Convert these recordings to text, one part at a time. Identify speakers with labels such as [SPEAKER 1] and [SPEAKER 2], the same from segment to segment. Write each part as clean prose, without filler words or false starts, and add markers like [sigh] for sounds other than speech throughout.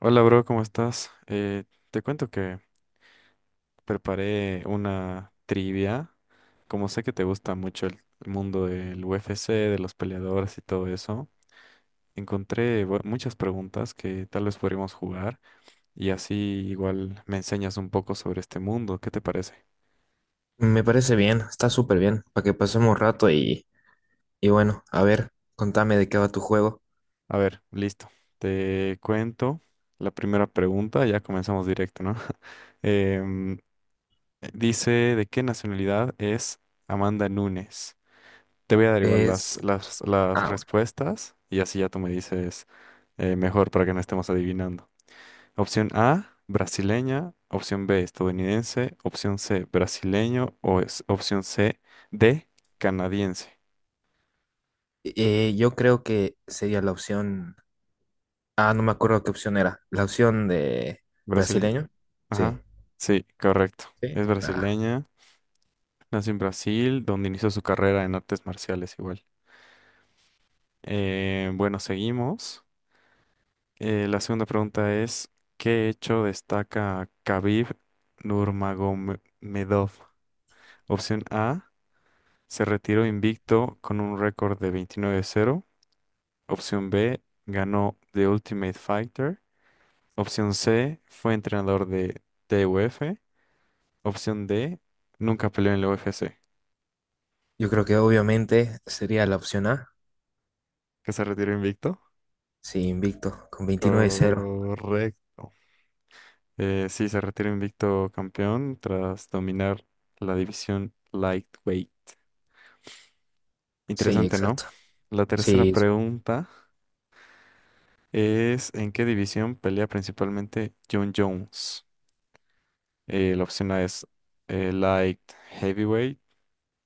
[SPEAKER 1] Hola, bro, ¿cómo estás? Te cuento que preparé una trivia. Como sé que te gusta mucho el mundo del UFC, de los peleadores y todo eso, encontré muchas preguntas que tal vez podríamos jugar y así igual me enseñas un poco sobre este mundo. ¿Qué te parece?
[SPEAKER 2] Me parece bien, está súper bien, para que pasemos rato y, a ver, contame de qué va tu juego.
[SPEAKER 1] A ver, listo. Te cuento la primera pregunta. Ya comenzamos directo, ¿no? [laughs] Em, Dice, ¿de qué nacionalidad es Amanda Nunes? Te voy a dar igual las,
[SPEAKER 2] Es...
[SPEAKER 1] las, las
[SPEAKER 2] Ah, bueno.
[SPEAKER 1] respuestas y así ya tú me dices mejor para que no estemos adivinando. Opción A, brasileña. Opción B, estadounidense. Opción C, brasileño. O es- opción C, D, canadiense.
[SPEAKER 2] Yo creo que sería la opción... Ah, no me acuerdo qué opción era. La opción de
[SPEAKER 1] Brasileña.
[SPEAKER 2] brasileño. Sí.
[SPEAKER 1] Ajá. Sí, correcto.
[SPEAKER 2] Sí.
[SPEAKER 1] Es
[SPEAKER 2] Ah,
[SPEAKER 1] brasileña. Nació en Brasil, donde inició su carrera en artes marciales igual. Bueno, seguimos. La segunda pregunta es, ¿qué hecho destaca Khabib Nurmagomedov? Opción A, se retiró invicto con un récord de 29-0. Opción B, ganó The Ultimate Fighter. Opción C, fue entrenador de TUF. Opción D, nunca peleó en la UFC.
[SPEAKER 2] yo creo que obviamente sería la opción A.
[SPEAKER 1] ¿Que se retiró invicto?
[SPEAKER 2] Sí, invicto, con veintinueve cero.
[SPEAKER 1] Correcto. Sí, se retiró invicto campeón tras dominar la división lightweight.
[SPEAKER 2] Sí,
[SPEAKER 1] Interesante, ¿no?
[SPEAKER 2] exacto.
[SPEAKER 1] La tercera
[SPEAKER 2] Sí,
[SPEAKER 1] pregunta es, ¿en qué división pelea principalmente John Jones? La opción A es light heavyweight,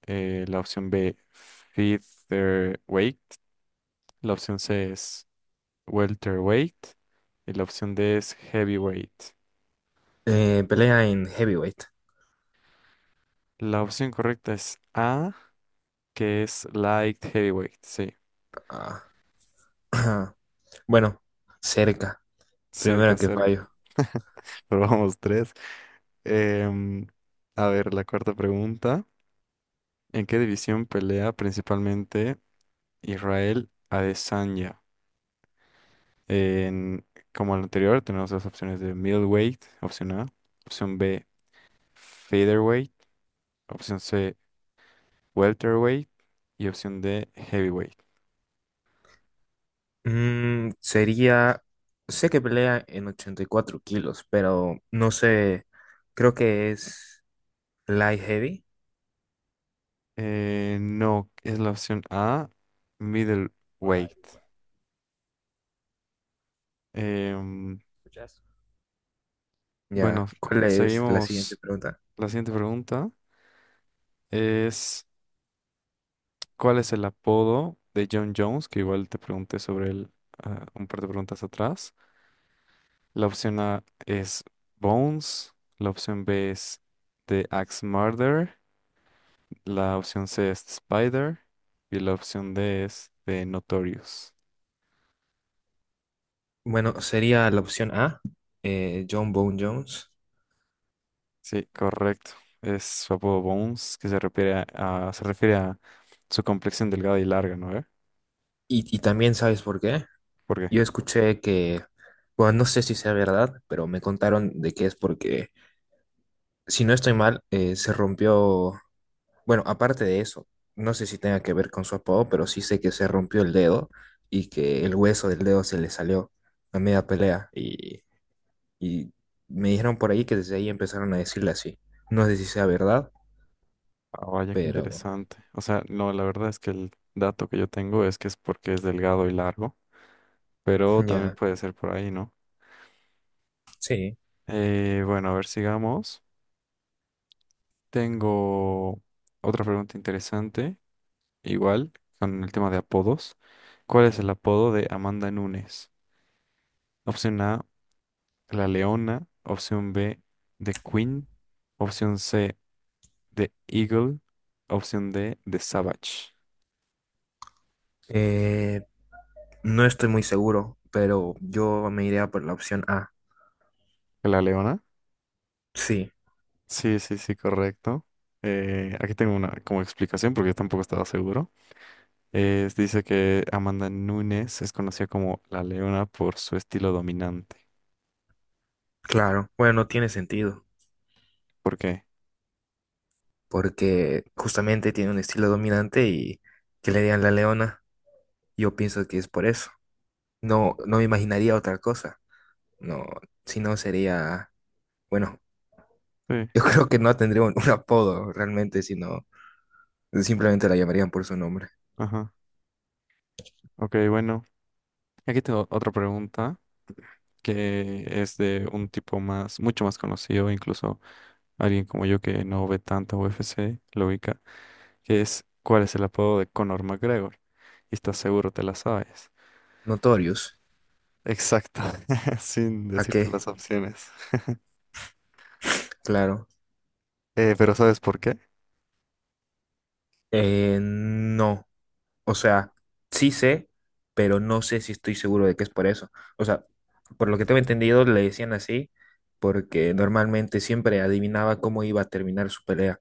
[SPEAKER 1] la opción B featherweight, la opción C es welterweight y la opción D es heavyweight.
[SPEAKER 2] pelea en heavyweight.
[SPEAKER 1] La opción correcta es A, que es light heavyweight, sí,
[SPEAKER 2] Ah, [clears throat] bueno, cerca.
[SPEAKER 1] cerca,
[SPEAKER 2] Primera que
[SPEAKER 1] cerca.
[SPEAKER 2] fallo.
[SPEAKER 1] [laughs] Pero vamos, tres. Em, a ver, la cuarta pregunta. ¿En qué división pelea principalmente Israel Adesanya? En, como el anterior, tenemos las opciones de middleweight, opción A, opción B, featherweight, opción C, welterweight y opción D, heavyweight.
[SPEAKER 2] Mm, sería, sé que pelea en 84 kilos, pero no sé, creo que es light heavy.
[SPEAKER 1] No, es la opción A,
[SPEAKER 2] Hola,
[SPEAKER 1] middleweight.
[SPEAKER 2] Eduardo.
[SPEAKER 1] Em,
[SPEAKER 2] ¿Escuchas?
[SPEAKER 1] bueno,
[SPEAKER 2] Ya, ¿cuál es la siguiente
[SPEAKER 1] seguimos.
[SPEAKER 2] pregunta?
[SPEAKER 1] La siguiente pregunta es... ¿Cuál es el apodo de John Jones? Que igual te pregunté sobre él un par de preguntas atrás. La opción A es Bones. La opción B es The Axe Murder. La opción C es The Spider. Y la opción D es The Notorious.
[SPEAKER 2] Bueno, sería la opción A, John Bone Jones.
[SPEAKER 1] Sí, correcto. Es su apodo Bones, que se refiere a su complexión delgada y larga, ¿no? ¿Eh?
[SPEAKER 2] Y también, ¿sabes por qué?
[SPEAKER 1] ¿Por qué?
[SPEAKER 2] Yo escuché que, bueno, no sé si sea verdad, pero me contaron de que es porque, si no estoy mal, se rompió. Bueno, aparte de eso, no sé si tenga que ver con su apodo, pero sí sé que se rompió el dedo y que el hueso del dedo se le salió a media pelea. Y me dijeron por ahí que desde ahí empezaron a decirle así. No sé si sea verdad,
[SPEAKER 1] Ah, vaya, qué
[SPEAKER 2] pero
[SPEAKER 1] interesante. O sea, no, la verdad es que el dato que yo tengo es que es porque es delgado y largo. Pero
[SPEAKER 2] [laughs]
[SPEAKER 1] también
[SPEAKER 2] ya,
[SPEAKER 1] puede ser por ahí, ¿no?
[SPEAKER 2] sí.
[SPEAKER 1] Bueno, a ver, sigamos. Tengo otra pregunta interesante, igual, con el tema de apodos. ¿Cuál es el apodo de Amanda Nunes? Opción A, La Leona. Opción B, The Queen. Opción C, The Eagle. Opción D, The Savage.
[SPEAKER 2] Eh, no estoy muy seguro, pero yo me iría por la opción A.
[SPEAKER 1] ¿La Leona?
[SPEAKER 2] Sí,
[SPEAKER 1] Sí, sí, sí, correcto. Aquí tengo una como explicación porque yo tampoco estaba seguro. Dice que Amanda Nunes es conocida como la leona por su estilo dominante.
[SPEAKER 2] claro. Bueno, no tiene sentido,
[SPEAKER 1] ¿Por qué?
[SPEAKER 2] porque justamente tiene un estilo dominante y que le digan la leona. Yo pienso que es por eso. No, no me imaginaría otra cosa. No, si no sería, bueno,
[SPEAKER 1] Sí.
[SPEAKER 2] [laughs] yo creo que no tendría un apodo realmente, sino simplemente la llamarían por su nombre.
[SPEAKER 1] Ajá. Ok, bueno. Aquí tengo otra pregunta que es de un tipo más, mucho más conocido, incluso alguien como yo que no ve tanto UFC, lo ubica, que es ¿cuál es el apodo de Conor McGregor? Y estás seguro te la sabes.
[SPEAKER 2] Notorious.
[SPEAKER 1] Exacto, [laughs] sin
[SPEAKER 2] ¿Para
[SPEAKER 1] decirte
[SPEAKER 2] qué?
[SPEAKER 1] las opciones.
[SPEAKER 2] Claro.
[SPEAKER 1] Pero ¿sabes por qué?
[SPEAKER 2] No. O sea, sí sé, pero no sé si estoy seguro de que es por eso. O sea, por lo que tengo entendido, le decían así porque normalmente siempre adivinaba cómo iba a terminar su pelea.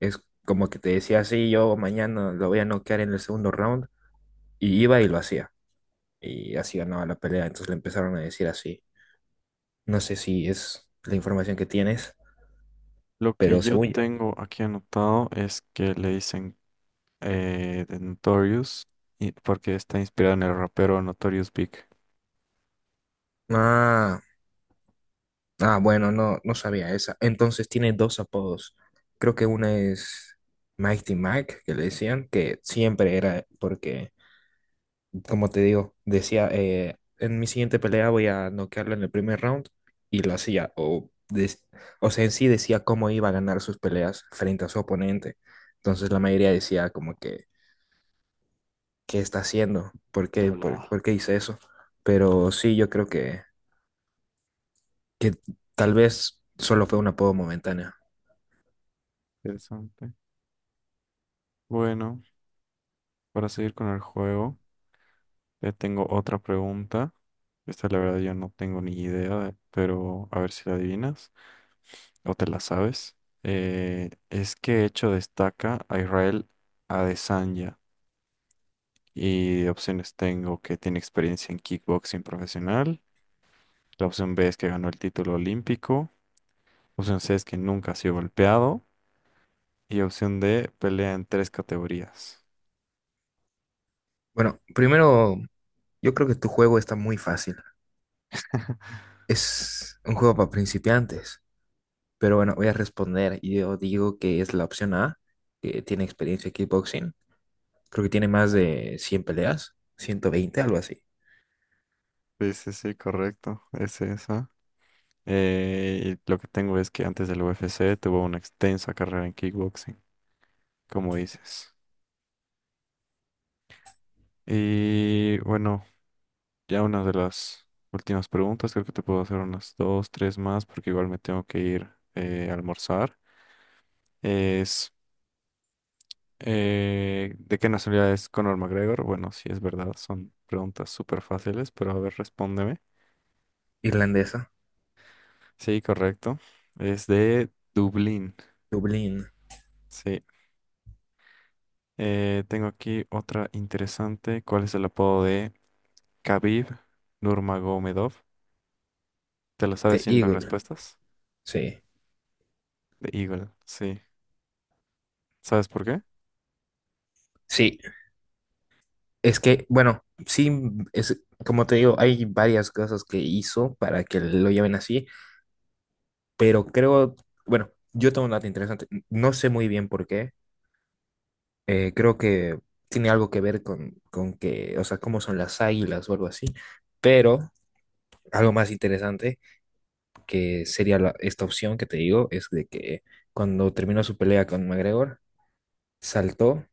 [SPEAKER 2] Es como que te decía, sí, yo mañana lo voy a noquear en el segundo round y iba y lo hacía. Y así ganaba la pelea, entonces le empezaron a decir así. No sé si es la información que tienes,
[SPEAKER 1] Lo que
[SPEAKER 2] pero
[SPEAKER 1] yo
[SPEAKER 2] según yo.
[SPEAKER 1] tengo aquí anotado es que le dicen de Notorious, porque está inspirado en el rapero Notorious Big.
[SPEAKER 2] Ah, ah, bueno, no sabía esa. Entonces tiene dos apodos. Creo que una es Mighty Mike, que le decían, que siempre era porque, como te digo, decía, en mi siguiente pelea voy a noquearlo en el primer round y lo hacía. O, o sea, en sí decía cómo iba a ganar sus peleas frente a su oponente. Entonces la mayoría decía como que qué está haciendo, por qué, no, por, no, por qué hice eso. Pero sí, yo creo que tal vez solo fue un apodo momentáneo.
[SPEAKER 1] Interesante. Bueno, para seguir con el juego, ya tengo otra pregunta. Esta la verdad yo no tengo ni idea, pero a ver si la adivinas o te la sabes. Es que hecho destaca a Israel Adesanya. Y opciones tengo que tiene experiencia en kickboxing profesional. La opción B es que ganó el título olímpico. La Opción C es que nunca ha sido golpeado. Y opción D, pelea en tres categorías.
[SPEAKER 2] Bueno, primero, yo creo que tu juego está muy fácil. Es un juego para principiantes. Pero bueno, voy a responder. Y Yo digo que es la opción A, que tiene experiencia en kickboxing. Creo que tiene más de 100 peleas, 120, algo así.
[SPEAKER 1] Sí, sí, sí, correcto. Es esa. Y lo que tengo es que antes del UFC tuvo una extensa carrera en kickboxing, como dices. Y bueno, ya una de las últimas preguntas, creo que te puedo hacer unas dos, tres más, porque igual me tengo que ir a almorzar. Es, ¿De qué nacionalidad es Conor McGregor? Bueno, sí es verdad, son preguntas súper fáciles, pero a ver, respóndeme.
[SPEAKER 2] Irlandesa,
[SPEAKER 1] Sí, correcto. Es de Dublín.
[SPEAKER 2] Dublín,
[SPEAKER 1] Sí. Tengo aquí otra interesante. ¿Cuál es el apodo de Khabib Nurmagomedov? ¿Te la sabes
[SPEAKER 2] The
[SPEAKER 1] sin las
[SPEAKER 2] Eagle.
[SPEAKER 1] respuestas?
[SPEAKER 2] Sí.
[SPEAKER 1] De Eagle. Sí. ¿Sabes por qué?
[SPEAKER 2] Sí, es que, bueno, sí, es, como te digo, hay varias cosas que hizo para que lo lleven así, pero creo, bueno, yo tengo un dato interesante, no sé muy bien por qué, creo que tiene algo que ver con que, o sea, cómo son las águilas o algo así, pero algo más interesante que sería esta opción que te digo es de que cuando terminó su pelea con McGregor, saltó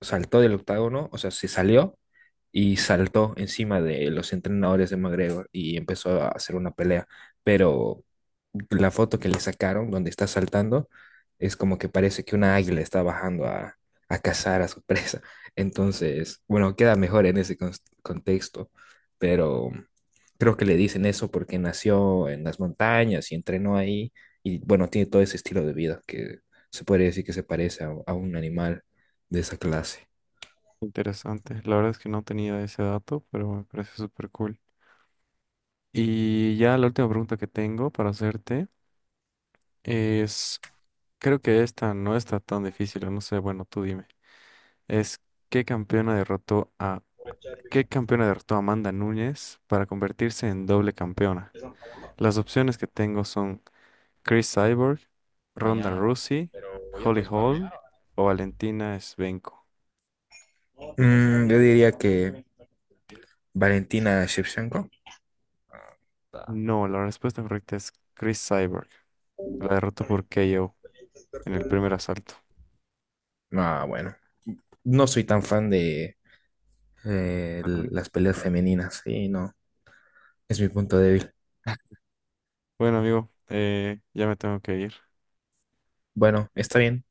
[SPEAKER 2] saltó del octágono, o sea, se salió y saltó encima de los entrenadores de McGregor y empezó a hacer una pelea. Pero la foto que le sacaron, donde está saltando, es como que parece que una águila está bajando a cazar a su [laughs] presa. Entonces, bueno, queda mejor en ese contexto, pero creo que le dicen eso porque nació en las montañas y entrenó ahí y bueno, tiene todo ese estilo de vida que se puede decir que se parece a un animal de esa clase.
[SPEAKER 1] Interesante. La verdad es que no tenía ese dato, pero me parece súper cool. Y ya la última pregunta que tengo para hacerte es, creo que esta no está tan difícil, o no sé, bueno, tú dime. Es, ¿qué campeona derrotó a ¿Qué campeona derrotó a Amanda Núñez para convertirse en doble campeona? Las opciones que tengo son Chris Cyborg, Ronda Rousey, Holly Holm o Valentina Shevchenko.
[SPEAKER 2] Mm, yo diría que Valentina Shevchenko.
[SPEAKER 1] No, la respuesta correcta es Chris Cyborg. La derrotó por KO en el primer asalto.
[SPEAKER 2] Ah, bueno. No soy tan fan de
[SPEAKER 1] ¿A Nunes?
[SPEAKER 2] las peleas femeninas. Sí, no. Es mi punto débil.
[SPEAKER 1] Bueno, amigo, ya me tengo que ir.
[SPEAKER 2] Bueno, está bien.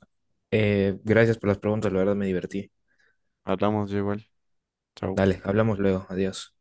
[SPEAKER 2] Gracias por las preguntas. La verdad me divertí.
[SPEAKER 1] Hablamos yo igual. Chao.
[SPEAKER 2] Dale, hablamos luego. Adiós.